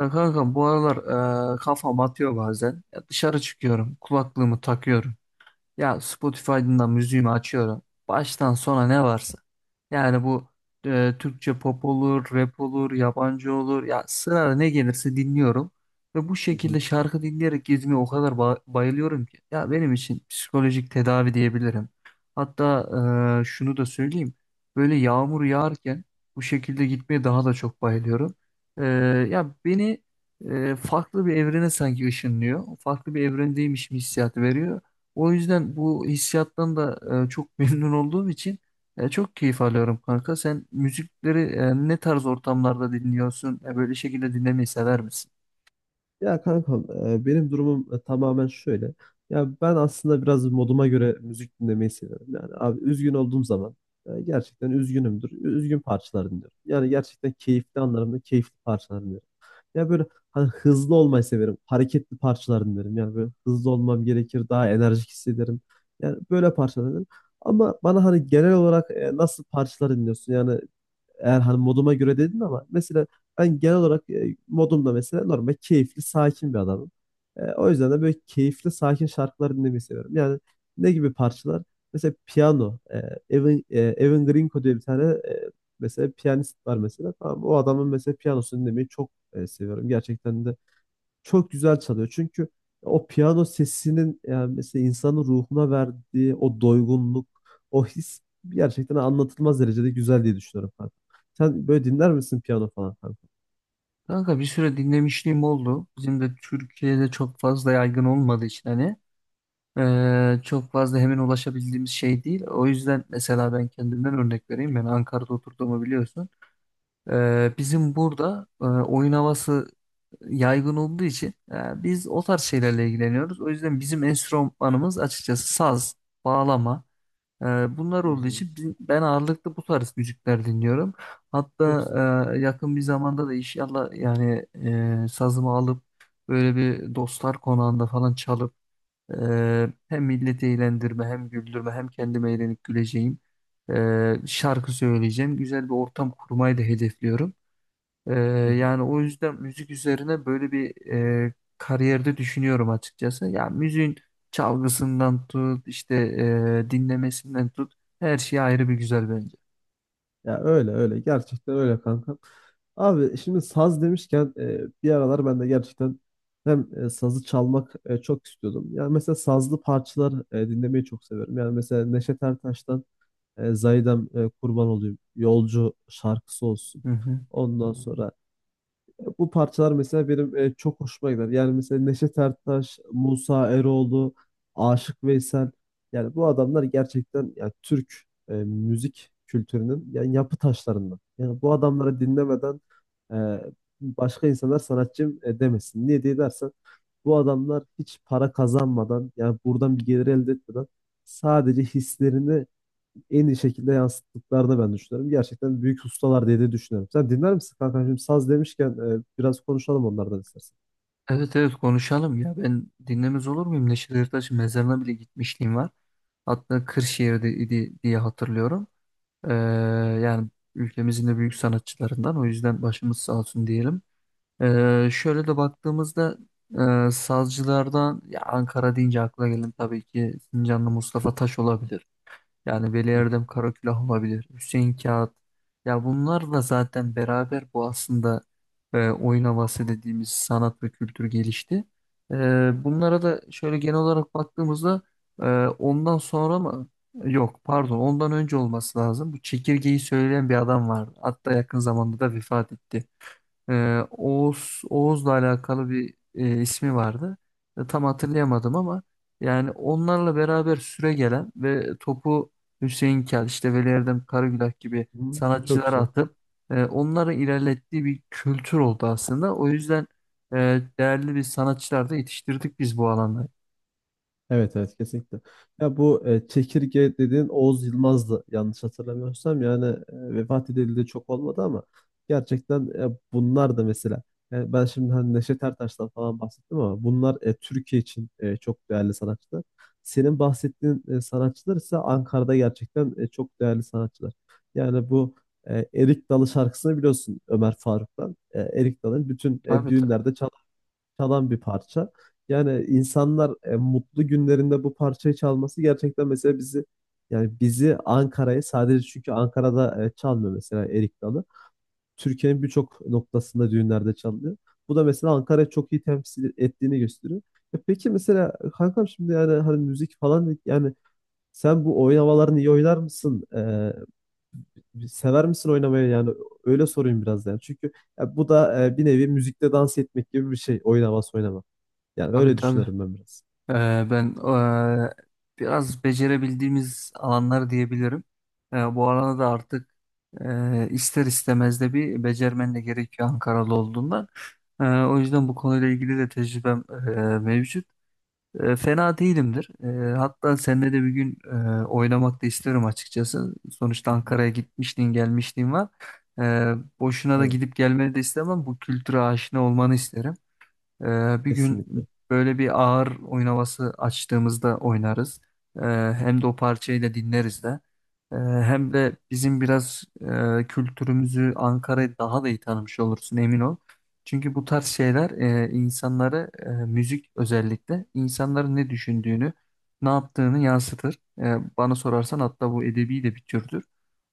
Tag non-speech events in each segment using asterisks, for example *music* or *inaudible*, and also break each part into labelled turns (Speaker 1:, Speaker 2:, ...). Speaker 1: Ya kanka bu aralar kafam atıyor bazen. Ya dışarı çıkıyorum, kulaklığımı takıyorum. Ya Spotify'dan da müziğimi açıyorum. Baştan sona ne varsa. Yani bu Türkçe pop olur, rap olur, yabancı olur. Ya sırada ne gelirse dinliyorum. Ve bu
Speaker 2: Hı hı.
Speaker 1: şekilde şarkı dinleyerek gezmeye o kadar bayılıyorum ki. Ya benim için psikolojik tedavi diyebilirim. Hatta şunu da söyleyeyim. Böyle yağmur yağarken bu şekilde gitmeye daha da çok bayılıyorum. E, ya beni farklı bir evrene sanki ışınlıyor. Farklı bir evrendeymişim hissiyatı veriyor. O yüzden bu hissiyattan da çok *laughs* memnun olduğum için çok keyif alıyorum kanka. Sen müzikleri ne tarz ortamlarda dinliyorsun? Böyle şekilde dinlemeyi sever misin?
Speaker 2: Ya kankam benim durumum tamamen şöyle. Ya ben aslında biraz moduma göre müzik dinlemeyi seviyorum. Yani abi üzgün olduğum zaman gerçekten üzgünümdür. Üzgün parçalar dinliyorum. Yani gerçekten keyifli anlarımda keyifli parçalar dinliyorum. Ya böyle hani hızlı olmayı severim. Hareketli parçalar dinlerim. Yani böyle hızlı olmam gerekir. Daha enerjik hissederim. Yani böyle parçalar dinlerim. Ama bana hani genel olarak nasıl parçalar dinliyorsun? Yani eğer hani moduma göre dedin ama mesela ben genel olarak modumda mesela normal keyifli, sakin bir adamım. O yüzden de böyle keyifli, sakin şarkılar dinlemeyi seviyorum. Yani ne gibi parçalar? Mesela piyano. Evan Grinko diye bir tane e, mesela piyanist var mesela. Tamam, o adamın mesela piyanosunu dinlemeyi çok seviyorum. Gerçekten de çok güzel çalıyor. Çünkü o piyano sesinin yani mesela insanın ruhuna verdiği o doygunluk, o his gerçekten anlatılmaz derecede güzel diye düşünüyorum kanka. Sen böyle dinler misin piyano falan kanka?
Speaker 1: Kanka bir süre dinlemişliğim oldu. Bizim de Türkiye'de çok fazla yaygın olmadığı için hani çok fazla hemen ulaşabildiğimiz şey değil. O yüzden mesela ben kendimden örnek vereyim. Ben Ankara'da oturduğumu biliyorsun. Bizim burada oyun havası yaygın olduğu için biz o tarz şeylerle ilgileniyoruz. O yüzden bizim enstrümanımız açıkçası saz, bağlama. e, bunlar
Speaker 2: Hı
Speaker 1: olduğu
Speaker 2: hı.
Speaker 1: için ben ağırlıklı bu tarz müzikler dinliyorum.
Speaker 2: Çok güzel.
Speaker 1: Hatta yakın bir zamanda da inşallah yani sazımı alıp böyle bir dostlar konağında falan çalıp hem milleti eğlendirme hem güldürme hem kendime eğlenip güleceğim şarkı söyleyeceğim. Güzel bir ortam kurmayı da hedefliyorum. Ee,
Speaker 2: Hı hı.
Speaker 1: yani o yüzden müzik üzerine böyle bir kariyerde düşünüyorum açıkçası. Ya müziğin çalgısından tut, işte dinlemesinden tut, her şey ayrı bir güzel bence.
Speaker 2: Ya öyle öyle gerçekten öyle kanka. Abi şimdi saz demişken bir aralar ben de gerçekten hem sazı çalmak çok istiyordum. Yani mesela sazlı parçalar dinlemeyi çok severim. Yani mesela Neşet Ertaş'tan Zaydem kurban olayım. Yolcu şarkısı olsun.
Speaker 1: Hı hı.
Speaker 2: Ondan sonra bu parçalar mesela benim çok hoşuma gider. Yani mesela Neşet Ertaş, Musa Eroğlu, Aşık Veysel. Yani bu adamlar gerçekten yani Türk müzik kültürünün yani yapı taşlarından. Yani bu adamları dinlemeden e, başka insanlar sanatçım demesin. Niye diye dersen bu adamlar hiç para kazanmadan yani buradan bir gelir elde etmeden sadece hislerini en iyi şekilde yansıttıklarını ben düşünüyorum. Gerçekten büyük ustalar diye de düşünüyorum. Sen dinler misin kanka? Şimdi saz demişken biraz konuşalım onlardan istersen.
Speaker 1: Evet, evet, konuşalım ya. Ben dinlemez olur muyum? Neşet Ertaş'ın mezarına bile gitmişliğim var. Hatta Kırşehir'de idi diye hatırlıyorum. Ee, yani ülkemizin de büyük sanatçılarından. O yüzden başımız sağ olsun diyelim. Şöyle de baktığımızda sazcılardan ya Ankara deyince akla gelen tabii ki Sincanlı Mustafa Taş olabilir. Yani Veli
Speaker 2: Hı
Speaker 1: Erdem Karakulah olabilir. Hüseyin Kağıt. Ya bunlarla zaten beraber bu aslında oyun havası dediğimiz sanat ve kültür gelişti. E, bunlara da şöyle genel olarak baktığımızda e, ondan sonra mı? Yok, pardon, ondan önce olması lazım. Bu çekirgeyi söyleyen bir adam vardı. Hatta yakın zamanda da vefat etti. Oğuz Oğuz'la alakalı bir ismi vardı. Tam hatırlayamadım ama yani onlarla beraber süre gelen ve topu Hüseyin Kel, işte Veli Erdem Karagülak gibi
Speaker 2: hı. Çok
Speaker 1: sanatçılara
Speaker 2: güzel.
Speaker 1: atıp onların ilerlettiği bir kültür oldu aslında. O yüzden değerli bir sanatçılar da yetiştirdik biz bu alanda.
Speaker 2: Evet evet kesinlikle. Ya bu çekirge dediğin Oğuz Yılmaz'dı yanlış hatırlamıyorsam yani vefat edildi de çok olmadı ama gerçekten bunlar da mesela yani ben şimdi hani Neşet Ertaş'tan falan bahsettim ama bunlar Türkiye için çok değerli sanatçılar. Senin bahsettiğin sanatçılar ise Ankara'da gerçekten çok değerli sanatçılar. Yani bu Erik Dalı şarkısını biliyorsun Ömer Faruk'tan. Erik Dalı'nın bütün
Speaker 1: Tabii, tabii,
Speaker 2: düğünlerde çalan bir parça. Yani insanlar mutlu günlerinde bu parçayı çalması gerçekten mesela bizi yani bizi Ankara'yı sadece çünkü Ankara'da çalmıyor mesela Erik Dalı. Türkiye'nin birçok noktasında düğünlerde çalınıyor. Bu da mesela Ankara'yı çok iyi temsil ettiğini gösteriyor. E peki mesela kankam şimdi yani hani müzik falan dedik, yani sen bu oynamalarını iyi oynar mısın? Sever misin oynamayı yani öyle sorayım biraz yani. Çünkü ya bu da bir nevi müzikte dans etmek gibi bir şey oynaması oynama. Yani
Speaker 1: tabii.
Speaker 2: öyle
Speaker 1: Tabii.
Speaker 2: düşünüyorum ben biraz.
Speaker 1: Ee, Ben biraz becerebildiğimiz alanlar diyebilirim. Bu alana da artık ister istemez de bir becermen de gerekiyor Ankaralı olduğundan. O yüzden bu konuyla ilgili de tecrübem mevcut. Fena değilimdir. Hatta seninle de bir gün oynamak da isterim açıkçası. Sonuçta
Speaker 2: Hı hı.
Speaker 1: Ankara'ya gitmişliğin gelmişliğin var. Ee, boşuna da
Speaker 2: Tabii.
Speaker 1: gidip gelmeni de istemem. Bu kültüre aşina olmanı isterim. Bir gün
Speaker 2: Kesinlikle.
Speaker 1: böyle bir ağır oyun havası açtığımızda oynarız. Ee, hem de o parçayı da dinleriz de. Hem de bizim biraz kültürümüzü Ankara'yı daha da iyi tanımış olursun, emin ol. Çünkü bu tarz şeyler insanları müzik özellikle insanların ne düşündüğünü, ne yaptığını yansıtır. Bana sorarsan hatta bu edebi de bir türdür.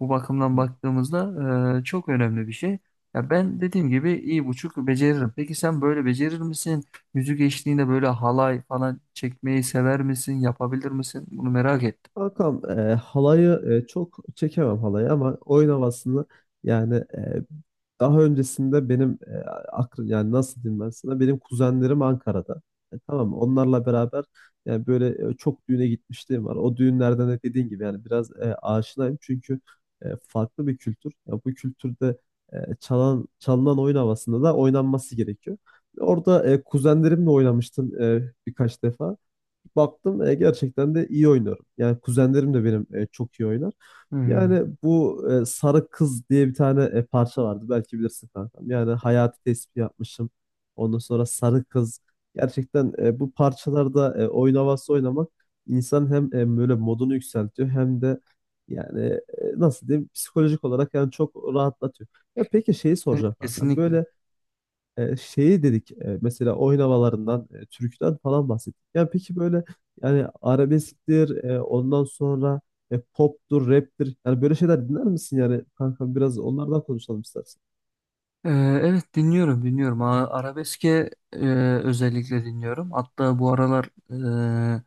Speaker 1: Bu
Speaker 2: Hı
Speaker 1: bakımdan
Speaker 2: hı.
Speaker 1: baktığımızda çok önemli bir şey. Ya ben dediğim gibi iyi buçuk beceririm. Peki sen böyle becerir misin? Yüzük eşliğinde böyle halay falan çekmeyi sever misin? Yapabilir misin? Bunu merak ettim.
Speaker 2: Kankam halayı çok çekemem halayı ama oyun havasını yani daha öncesinde benim aklım yani nasıl diyeyim ben sana benim kuzenlerim Ankara'da. E, tamam mı? Onlarla beraber yani böyle çok düğüne gitmişliğim var. O düğünlerden de dediğin gibi yani biraz aşinayım çünkü farklı bir kültür. Ya bu kültürde çalan çalınan oyun havasında da oynanması gerekiyor. Orada kuzenlerimle oynamıştım birkaç defa baktım gerçekten de iyi oynuyorum. Yani kuzenlerim de benim çok iyi oynar.
Speaker 1: Hmm.
Speaker 2: Yani bu Sarı Kız diye bir tane parça vardı. Belki bilirsin kankam. Yani hayati tespih yapmışım. Ondan sonra Sarı Kız. Gerçekten bu parçalarda oyun havası oynamak insan hem böyle modunu yükseltiyor hem de yani nasıl diyeyim psikolojik olarak yani çok rahatlatıyor. Ya peki şeyi
Speaker 1: Evet,
Speaker 2: soracağım kankam.
Speaker 1: kesinlikle.
Speaker 2: Böyle şeyi dedik mesela oynamalarından, türküden falan bahsettik. Ya peki böyle yani arabesktir, ondan sonra poptur, raptir. Yani böyle şeyler dinler misin yani kankam biraz onlardan konuşalım istersen.
Speaker 1: Ee, evet dinliyorum, dinliyorum. Arabeske özellikle dinliyorum. Hatta bu aralar e,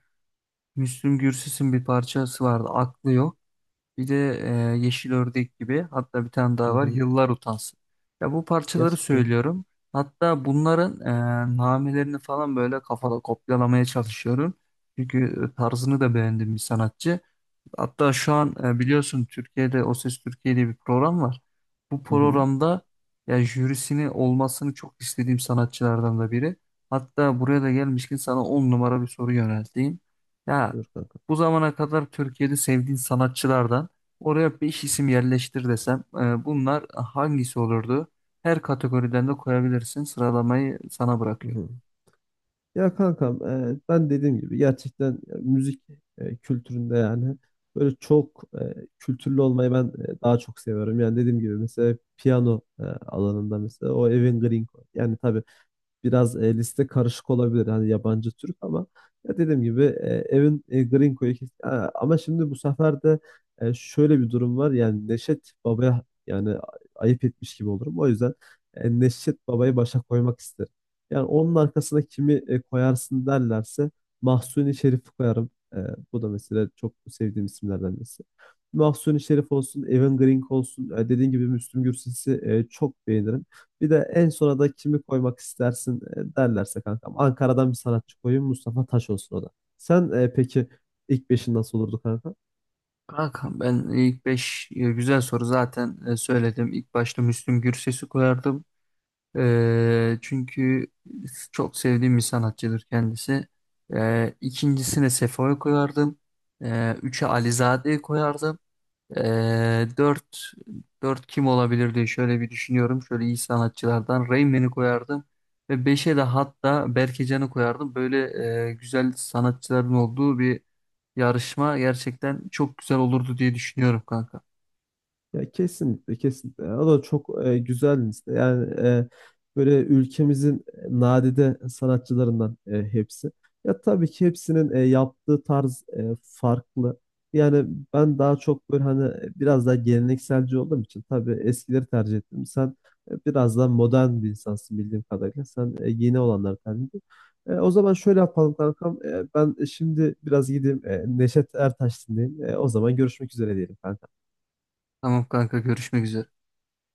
Speaker 1: Müslüm Gürses'in bir parçası vardı. Aklı yok. Bir de Yeşil Ördek gibi, hatta bir tane
Speaker 2: Hı
Speaker 1: daha var,
Speaker 2: hı.
Speaker 1: Yıllar Utansın. Ya bu parçaları
Speaker 2: Gerçekten.
Speaker 1: söylüyorum. Hatta bunların namelerini falan böyle kafada kopyalamaya çalışıyorum. Çünkü tarzını da beğendim bir sanatçı. Hatta şu an biliyorsun Türkiye'de O Ses Türkiye diye bir program var. Bu
Speaker 2: Hı hı.
Speaker 1: programda ya jürisini olmasını çok istediğim sanatçılardan da biri. Hatta buraya da gelmişken sana 10 numara bir soru yönelteyim. Ya
Speaker 2: Buyur kankam.
Speaker 1: bu zamana kadar Türkiye'de sevdiğin sanatçılardan oraya 5 isim yerleştir desem bunlar hangisi olurdu? Her kategoriden de koyabilirsin. Sıralamayı sana
Speaker 2: Hı
Speaker 1: bırakıyorum.
Speaker 2: hı. Ya kankam ben dediğim gibi gerçekten müzik kültüründe yani böyle çok kültürlü olmayı ben daha çok seviyorum. Yani dediğim gibi mesela piyano alanında mesela o Evan Green. Yani tabii biraz liste karışık olabilir. Hani yabancı Türk ama ya dediğim gibi Gringo'yu kes- Ha, ama şimdi bu sefer de şöyle bir durum var. Yani Neşet Baba'ya yani a- ayıp etmiş gibi olurum. O yüzden Neşet Baba'yı başa koymak isterim. Yani onun arkasına kimi koyarsın derlerse Mahsuni Şerif'i koyarım. E, Bu da mesela çok sevdiğim isimlerden birisi. Mahsuni Şerif olsun, Evan Gringo olsun. Dediğim gibi Müslüm Gürses'i çok beğenirim. Bir de en sona da kimi koymak istersin derlerse kankam. Ankara'dan bir sanatçı koyayım Mustafa Taş olsun o da. Sen peki ilk beşin nasıl olurdu kanka?
Speaker 1: Kankam ben ilk 5 güzel soru zaten söyledim. İlk başta Müslüm Gürses'i koyardım. Çünkü çok sevdiğim bir sanatçıdır kendisi. İkincisine Sefo'yu koyardım. Üçe Alizade'yi koyardım. Ee, dört, dört kim olabilir diye şöyle bir düşünüyorum. Şöyle iyi sanatçılardan Rayman'i koyardım. Ve beşe de hatta Berkecanı koyardım. Böyle güzel sanatçıların olduğu bir yarışma gerçekten çok güzel olurdu diye düşünüyorum kanka.
Speaker 2: Ya kesinlikle kesinlikle. O da çok güzel liste. Yani böyle ülkemizin nadide sanatçılarından hepsi. Ya tabii ki hepsinin yaptığı tarz farklı. Yani ben daha çok böyle hani biraz daha gelenekselci olduğum için tabii eskileri tercih ettim. Sen biraz daha modern bir insansın bildiğim kadarıyla. Sen yeni olanları tercih ettin. O zaman şöyle yapalım kankam. Ben şimdi biraz gideyim Neşet Ertaş dinleyeyim. O zaman görüşmek üzere diyelim kankam.
Speaker 1: Tamam kanka, görüşmek üzere.